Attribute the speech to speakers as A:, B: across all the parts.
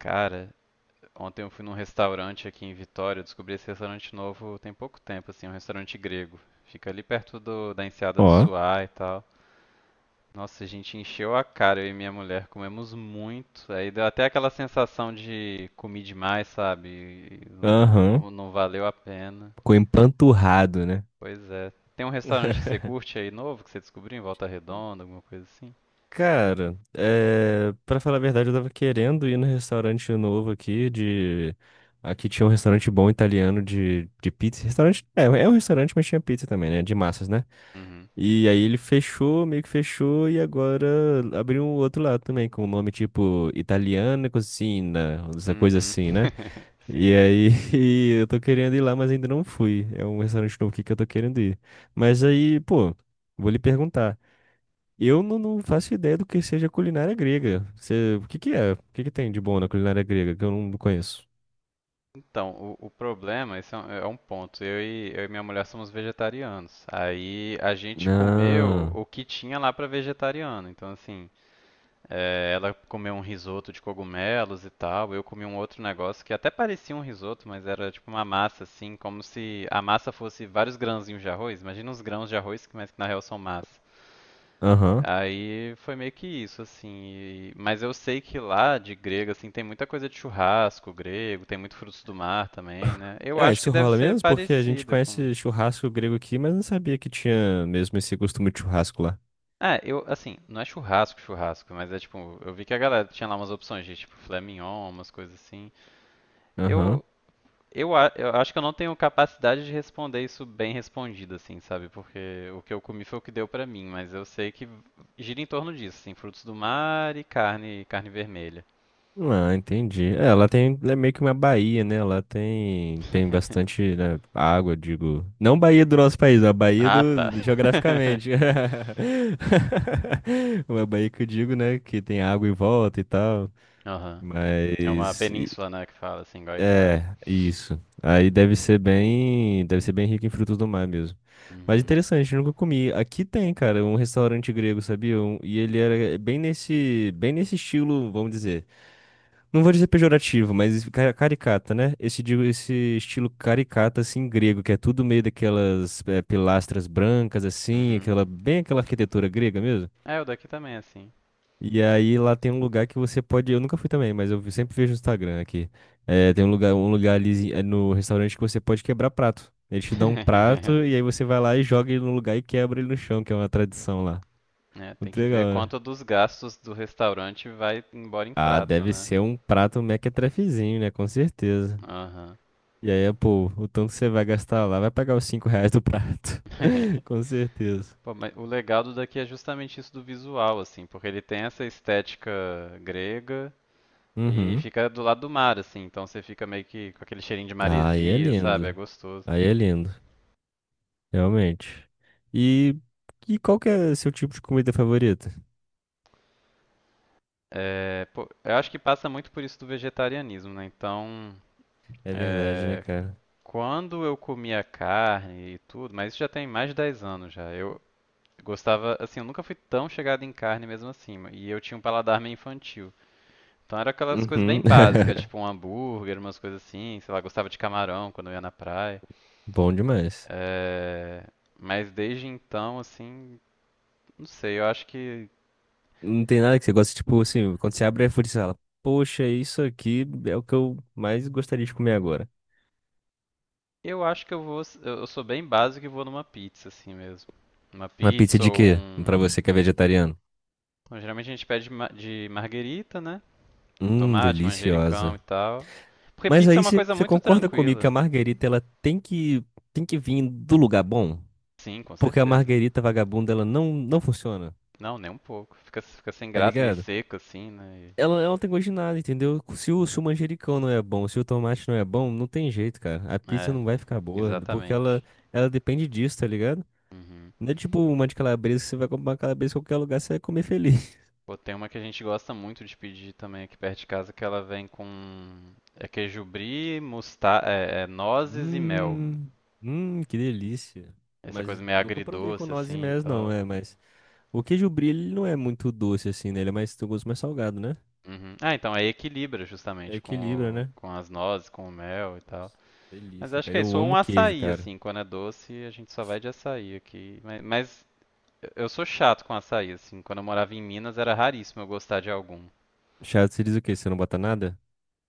A: Cara, ontem eu fui num restaurante aqui em Vitória, eu descobri esse restaurante novo tem pouco tempo, assim, um restaurante grego. Fica ali perto da Enseada do
B: Ó,
A: Suá e tal. Nossa, a gente encheu a cara, eu e minha mulher, comemos muito. Aí deu até aquela sensação de comi demais, sabe?
B: aham.
A: Não valeu a pena.
B: Ficou empanturrado, né?
A: Pois é. Tem um restaurante que você curte aí novo, que você descobriu em Volta Redonda, alguma coisa assim?
B: Cara, pra falar a verdade, eu tava querendo ir no restaurante novo aqui Aqui tinha um restaurante bom italiano de pizza. É um restaurante, mas tinha pizza também, né? De massas, né?
A: Uhum.
B: E aí ele fechou, meio que fechou, e agora abriu um outro lado também, com o nome tipo Italiana Cucina, essa coisa
A: Uhum.
B: assim, né?
A: Sim.
B: E aí, eu tô querendo ir lá, mas ainda não fui. É um restaurante novo aqui que eu tô querendo ir. Mas aí, pô, vou lhe perguntar. Eu não faço ideia do que seja culinária grega. Você, o que que é? O que que tem de bom na culinária grega que eu não conheço?
A: Então, o problema, esse é um ponto. Eu e minha mulher somos vegetarianos. Aí a gente comeu
B: Ah,
A: o que tinha lá para vegetariano. Então, assim, é, ela comeu um risoto de cogumelos e tal. Eu comi um outro negócio que até parecia um risoto, mas era tipo uma massa, assim, como se a massa fosse vários grãozinhos de arroz. Imagina uns grãos de arroz, mas que na real são massa.
B: aham.
A: Aí foi meio que isso, assim. Mas eu sei que lá de grego, assim, tem muita coisa de churrasco grego, tem muito frutos do mar também, né? Eu
B: Ah,
A: acho que
B: isso
A: deve
B: rola
A: ser
B: mesmo? Porque a gente
A: parecida com.
B: conhece churrasco grego aqui, mas não sabia que tinha mesmo esse costume de churrasco lá.
A: Ah, eu, assim, não é churrasco, churrasco, mas é tipo, eu vi que a galera tinha lá umas opções de tipo filé mignon, umas coisas assim.
B: Aham.
A: Eu, eu acho que eu não tenho capacidade de responder isso bem respondido, assim, sabe? Porque o que eu comi foi o que deu pra mim, mas eu sei que gira em torno disso, assim, frutos do mar e carne, carne vermelha.
B: Ah, entendi. É, ela tem, ela é meio que uma baía, né? Ela tem bastante, né, água, digo. Não Bahia do nosso país, é a Bahia
A: Ah, tá.
B: do, geograficamente. Uma baía que eu digo, né? Que tem água em volta e tal.
A: Aham. É uma
B: Mas,
A: península, né, que fala assim, igual a Itália.
B: é, isso. Aí deve ser bem rico em frutos do mar mesmo. Mas
A: Uhum.
B: interessante, eu nunca comi. Aqui tem, cara, um restaurante grego, sabia? E ele era bem nesse estilo, vamos dizer. Não vou dizer pejorativo, mas caricata, né? Esse, esse estilo caricata, assim, grego, que é tudo meio daquelas pilastras brancas, assim,
A: Uhum.
B: aquela, bem aquela arquitetura grega mesmo.
A: É, o daqui também é assim.
B: E aí lá tem um lugar que você pode. Eu nunca fui também, mas eu sempre vejo no Instagram aqui. Tem um lugar ali no restaurante que você pode quebrar prato. Eles te dão um prato e aí você vai lá e joga ele no lugar e quebra ele no chão, que é uma tradição lá.
A: É, tem
B: Muito
A: que ver
B: legal, né?
A: quanto dos gastos do restaurante vai embora em
B: Ah,
A: prato,
B: deve
A: né?
B: ser um prato mequetrefezinho, né? Com certeza.
A: Aham.
B: E aí, pô, o tanto que você vai gastar lá vai pagar os 5 reais do prato. Com certeza.
A: Pô, mas o legal do daqui é justamente isso do visual, assim, porque ele tem essa estética grega e
B: Uhum.
A: fica do lado do mar, assim, então você fica meio que com aquele cheirinho de
B: Aí é
A: maresia, sabe? É
B: lindo.
A: gostoso.
B: Aí é lindo. Realmente. E, e qual que é seu tipo de comida favorita?
A: É, pô, eu acho que passa muito por isso do vegetarianismo, né? Então,
B: É verdade, né,
A: é,
B: cara?
A: quando eu comia carne e tudo, mas isso já tem mais de 10 anos já. Eu gostava, assim, eu nunca fui tão chegado em carne mesmo assim, e eu tinha um paladar meio infantil. Então era aquelas coisas bem
B: Uhum.
A: básicas, tipo um hambúrguer, umas coisas assim, sei lá, gostava de camarão quando eu ia na praia.
B: Bom demais.
A: É, mas desde então, assim, não sei, eu acho que
B: Não tem nada que você gosta, tipo assim, quando você abre a iFood, você fala, poxa, isso aqui é o que eu mais gostaria de comer agora.
A: eu acho que eu vou, eu sou bem básico e vou numa pizza assim mesmo. Uma
B: Uma pizza
A: pizza
B: de
A: ou
B: quê? Pra
A: um,
B: você que é vegetariano.
A: bom, geralmente a gente pede de marguerita, né? Com tomate, manjericão e
B: Deliciosa.
A: tal. Porque
B: Mas
A: pizza é
B: aí
A: uma
B: você
A: coisa
B: você
A: muito
B: concorda comigo que a
A: tranquila.
B: Marguerita ela tem que vir do lugar bom?
A: Sim, com
B: Porque a
A: certeza.
B: Marguerita vagabunda ela não funciona,
A: Não, nem um pouco. Fica, fica sem
B: tá
A: graça, meio
B: ligado?
A: seco assim, né? E-
B: Ela não tem gosto de nada, entendeu? Se o manjericão não é bom, se o tomate não é bom, não tem jeito, cara. A pizza
A: é,
B: não vai ficar boa, porque ela
A: exatamente.
B: ela depende disso, tá ligado?
A: Uhum.
B: Não é tipo uma de calabresa que você vai comprar uma calabresa em qualquer lugar, você vai comer feliz.
A: Pô, tem uma que a gente gosta muito de pedir também aqui perto de casa, que ela vem com é queijo brie, nozes e mel.
B: Hum, que delícia.
A: Essa coisa
B: Mas
A: meio
B: nunca provei com
A: agridoce
B: nozes e
A: assim e
B: mel, não,
A: tal.
B: é, mas o queijo brie, ele não é muito doce assim, né? Ele é mais, tem um gosto mais salgado, né?
A: Uhum. Ah, então aí equilibra
B: É
A: justamente
B: equilibra,
A: com
B: né?
A: com as nozes, com o mel e tal.
B: Nossa,
A: Mas
B: delícia,
A: acho
B: cara.
A: que é
B: Eu
A: isso. Ou um
B: amo queijo,
A: açaí,
B: cara.
A: assim, quando é doce, a gente só vai de açaí aqui. Mas eu sou chato com açaí, assim. Quando eu morava em Minas, era raríssimo eu gostar de algum.
B: Chato, você diz o quê? Você não bota nada?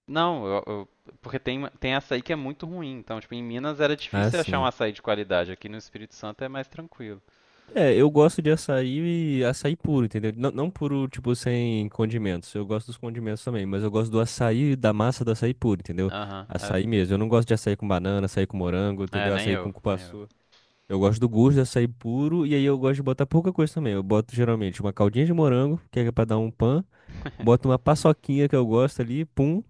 A: Não, porque tem, tem açaí que é muito ruim. Então, tipo, em Minas era
B: Ah,
A: difícil achar um
B: sim.
A: açaí de qualidade. Aqui no Espírito Santo é mais tranquilo.
B: É, eu gosto de açaí e açaí puro, entendeu? Não, não puro, tipo, sem condimentos. Eu gosto dos condimentos também, mas eu gosto do açaí, da massa do açaí puro, entendeu?
A: Aham, é.
B: Açaí mesmo. Eu não gosto de açaí com banana, açaí com morango,
A: É,
B: entendeu?
A: nem
B: Açaí com
A: eu, nem eu.
B: cupuaçu. Eu gosto do açaí puro e aí eu gosto de botar pouca coisa também. Eu boto geralmente uma caldinha de morango, que é pra dar um pan. Boto uma paçoquinha que eu gosto ali, pum,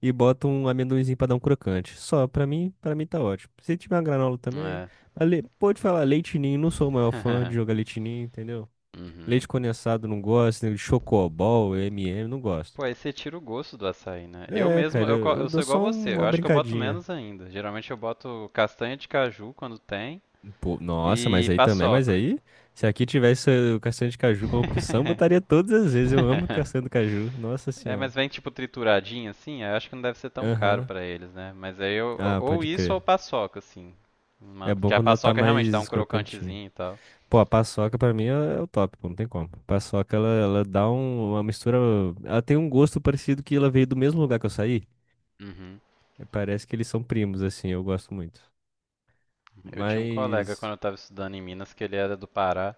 B: e boto um amendoinzinho pra dar um crocante. Só, pra mim, para mim tá ótimo. Se tiver uma granola também,
A: É.
B: mas pode falar leite ninho, não sou o maior fã de jogar leite ninho, entendeu?
A: Uhum.
B: Leite condensado não gosto, né, Chocobol, M&M, não gosto.
A: Pô, aí você tira o gosto do açaí, né? Eu
B: É,
A: mesmo,
B: cara,
A: eu,
B: eu, eu
A: eu sou
B: dou
A: igual
B: só
A: você. Eu
B: uma
A: acho que eu boto
B: brincadinha.
A: menos ainda. Geralmente eu boto castanha de caju quando tem.
B: Pô, nossa, mas
A: E
B: aí também, mas
A: paçoca.
B: aí, se aqui tivesse o castanho de caju como opção, botaria todas as vezes. Eu amo castanho do caju, nossa
A: É,
B: senhora.
A: mas vem tipo trituradinho assim? Eu acho que não deve ser tão caro
B: Aham.
A: pra eles, né? Mas aí eu,
B: Ah,
A: ou
B: pode
A: isso ou
B: crer.
A: paçoca, assim. Uma,
B: É
A: que
B: bom
A: a
B: quando ela tá
A: paçoca realmente dá um
B: mais crocantinha.
A: crocantezinho e tal.
B: Pô, a paçoca pra mim é o top, pô, não tem como. A paçoca, ela dá uma mistura. Ela tem um gosto parecido que ela veio do mesmo lugar que eu saí.
A: Uhum.
B: É, parece que eles são primos, assim, eu gosto muito.
A: Eu tinha um colega quando
B: Mas.
A: eu tava estudando em Minas que ele era do Pará.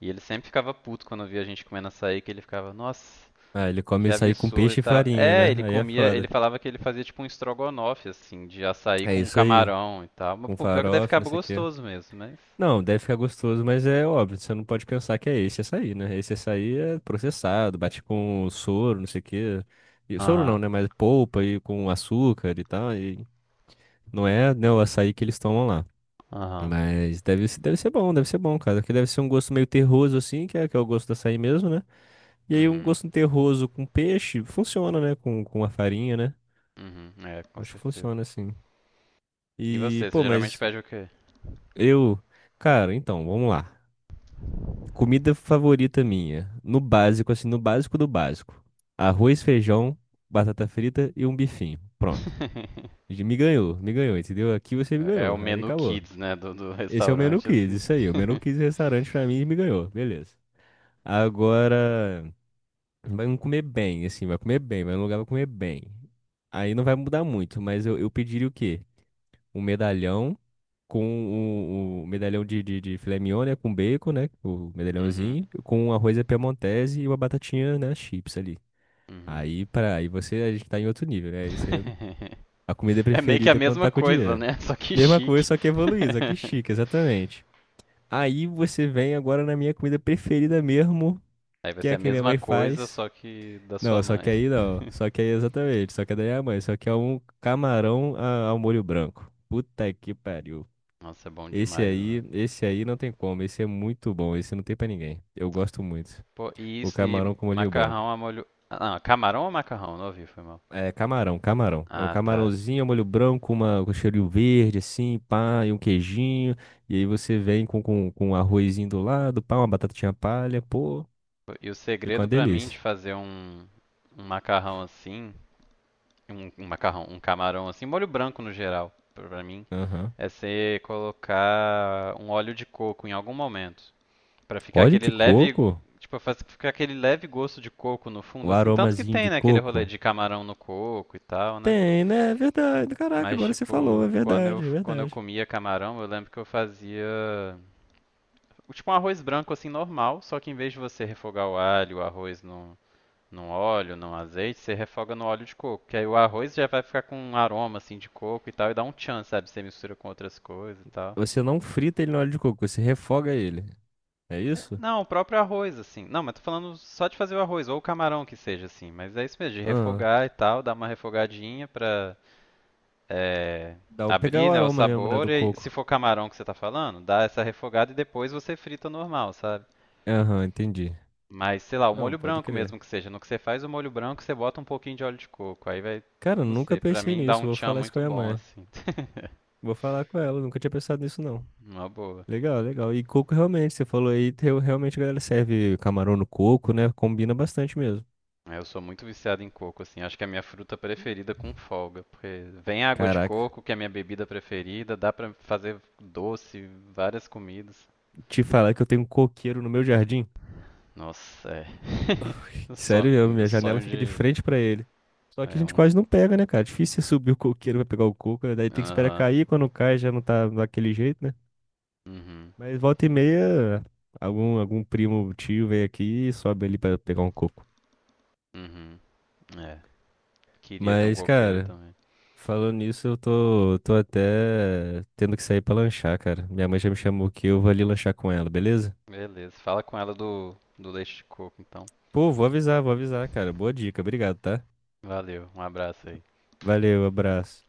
A: E ele sempre ficava puto quando via a gente comendo açaí, que ele ficava, nossa,
B: Ah, ele come
A: que
B: isso aí com
A: absurdo e
B: peixe e
A: tal.
B: farinha,
A: É,
B: né?
A: ele
B: Aí é
A: comia, ele
B: foda.
A: falava que ele fazia tipo um estrogonofe, assim, de açaí
B: É
A: com
B: isso aí.
A: camarão e tal. Mas,
B: Com
A: pô, pior que deve ficar
B: farofa, não sei o quê.
A: gostoso mesmo, mas.
B: Não, deve ficar gostoso, mas é óbvio, você não pode pensar que é esse açaí, né? Esse açaí é processado, bate com soro, não sei o quê. E, soro não,
A: Aham.
B: né? Mas polpa e com açúcar e tal. E não é, né, o açaí que eles tomam lá.
A: Aham.
B: Mas deve, deve ser bom, cara. Que deve ser um gosto meio terroso, assim, que é o gosto do açaí mesmo, né? E aí um
A: Uhum,
B: gosto terroso com peixe funciona, né? Com a farinha, né?
A: uhum, é, com
B: Acho que
A: certeza.
B: funciona, assim.
A: E
B: E,
A: você, você
B: pô,
A: geralmente
B: mas
A: pede o quê?
B: eu. Cara, então, vamos lá. Comida favorita minha. No básico, assim, no básico do básico. Arroz, feijão, batata frita e um bifinho. Pronto. Me ganhou, entendeu? Aqui você me
A: É o
B: ganhou. Aí
A: menu
B: acabou.
A: kids, né, do
B: Esse é o menu
A: restaurante,
B: kids,
A: assim.
B: isso aí. O menu kids restaurante pra mim me ganhou. Beleza. Agora, vai comer bem, assim, vai comer bem, vai num lugar, vai comer bem. Aí não vai mudar muito, mas eu pediria o quê? Um medalhão com o medalhão de filé mignon, né? Com bacon, né? O
A: Uhum,
B: medalhãozinho, com um arroz à piemontese e uma batatinha, né? Chips ali.
A: uhum.
B: Aí, para aí você, a gente tá em outro nível, né? Isso é a comida
A: É meio que a
B: preferida é quando
A: mesma
B: tá com
A: coisa,
B: dinheiro.
A: né, só que
B: Mesma
A: chique.
B: coisa, só que evoluído, só que chique, exatamente. Aí você vem agora na minha comida preferida mesmo,
A: Aí vai
B: que é
A: ser
B: a
A: a
B: que minha
A: mesma
B: mãe
A: coisa,
B: faz.
A: só que da sua
B: Não, só
A: mãe.
B: que aí não. Só que aí exatamente. Só que daí é a mãe. Só que é um camarão ao molho branco. Puta que pariu.
A: Nossa, é bom demais, né?
B: Esse aí não tem como. Esse é muito bom. Esse não tem pra ninguém. Eu gosto muito.
A: Pô, e,
B: O
A: isso, e
B: camarão com molho
A: macarrão
B: branco.
A: a molho... Ah, não, camarão ou macarrão? Não ouvi, foi mal.
B: É camarão, camarão. É um
A: Ah, tá.
B: camarãozinho, ao molho branco, uma, com cheirinho verde, assim, pá, e um queijinho. E aí você vem com um arrozinho do lado, pá, uma batatinha palha. Pô,
A: E o
B: fica uma
A: segredo pra mim
B: delícia.
A: de fazer um, um macarrão assim, um macarrão, um camarão assim, molho branco no geral, pra mim,
B: Aham.
A: é você colocar um óleo de coco em algum momento, pra ficar
B: Óleo
A: aquele
B: de
A: leve,
B: coco?
A: tipo, ficar aquele leve gosto de coco no
B: O
A: fundo, assim, tanto que
B: aromazinho
A: tem,
B: de
A: né, aquele rolê
B: coco?
A: de camarão no coco e tal, né?
B: Tem, né? É verdade. Caraca,
A: Mas
B: agora você falou.
A: tipo,
B: É
A: quando eu
B: verdade, é
A: quando eu
B: verdade.
A: comia camarão, eu lembro que eu fazia tipo um arroz branco assim normal, só que em vez de você refogar o alho, o arroz no no óleo, no azeite, você refoga no óleo de coco. Que aí o arroz já vai ficar com um aroma assim de coco e tal, e dá um tchan, sabe? Você mistura com outras coisas e tal.
B: Você não frita ele no óleo de coco, você refoga ele. É isso?
A: Não, o próprio arroz, assim. Não, mas tô falando só de fazer o arroz, ou o camarão que seja, assim. Mas é isso mesmo, de
B: Ah,
A: refogar e tal, dar uma refogadinha pra é,
B: dá o pegar o
A: abrir, né, o
B: aroma mesmo, né,
A: sabor.
B: do
A: E se
B: coco.
A: for camarão que você tá falando, dá essa refogada e depois você frita normal, sabe?
B: Aham, entendi.
A: Mas, sei lá, o
B: Não,
A: molho
B: pode
A: branco
B: crer.
A: mesmo que seja. No que você faz o molho branco, você bota um pouquinho de óleo de coco. Aí vai,
B: Cara, eu
A: não
B: nunca
A: sei, pra
B: pensei
A: mim dá
B: nisso.
A: um
B: Vou
A: tchan
B: falar isso com
A: muito
B: a minha
A: bom,
B: mãe.
A: assim.
B: Vou falar com ela, nunca tinha pensado nisso, não.
A: Uma boa.
B: Legal, legal. E coco realmente, você falou aí, realmente a galera serve camarão no coco, né? Combina bastante mesmo.
A: É, eu sou muito viciado em coco, assim. Acho que é a minha fruta preferida com folga. Porque vem água de
B: Caraca,
A: coco, que é a minha bebida preferida. Dá pra fazer doce, várias comidas.
B: te falar que eu tenho um coqueiro no meu jardim.
A: Nossa, é.
B: Sério, mesmo,
A: Meu
B: minha janela
A: sonho
B: fica de
A: de.
B: frente pra ele. Só que a
A: É,
B: gente
A: uns.
B: quase não pega, né, cara? Difícil você subir o coqueiro pra pegar o coco, né? Daí tem que esperar
A: Aham.
B: cair, quando cai já não tá daquele jeito, né?
A: Uhum.
B: Mas volta e meia, algum, algum primo, tio vem aqui e sobe ali pra pegar um coco.
A: Uhum. É. Queria ter um
B: Mas,
A: coqueiro
B: cara,
A: também.
B: falando nisso, eu tô até tendo que sair pra lanchar, cara. Minha mãe já me chamou aqui, eu vou ali lanchar com ela, beleza?
A: Beleza, fala com ela do leite de coco, então.
B: Pô, vou avisar, cara. Boa dica, obrigado, tá?
A: Valeu, um abraço aí.
B: Valeu, abraço.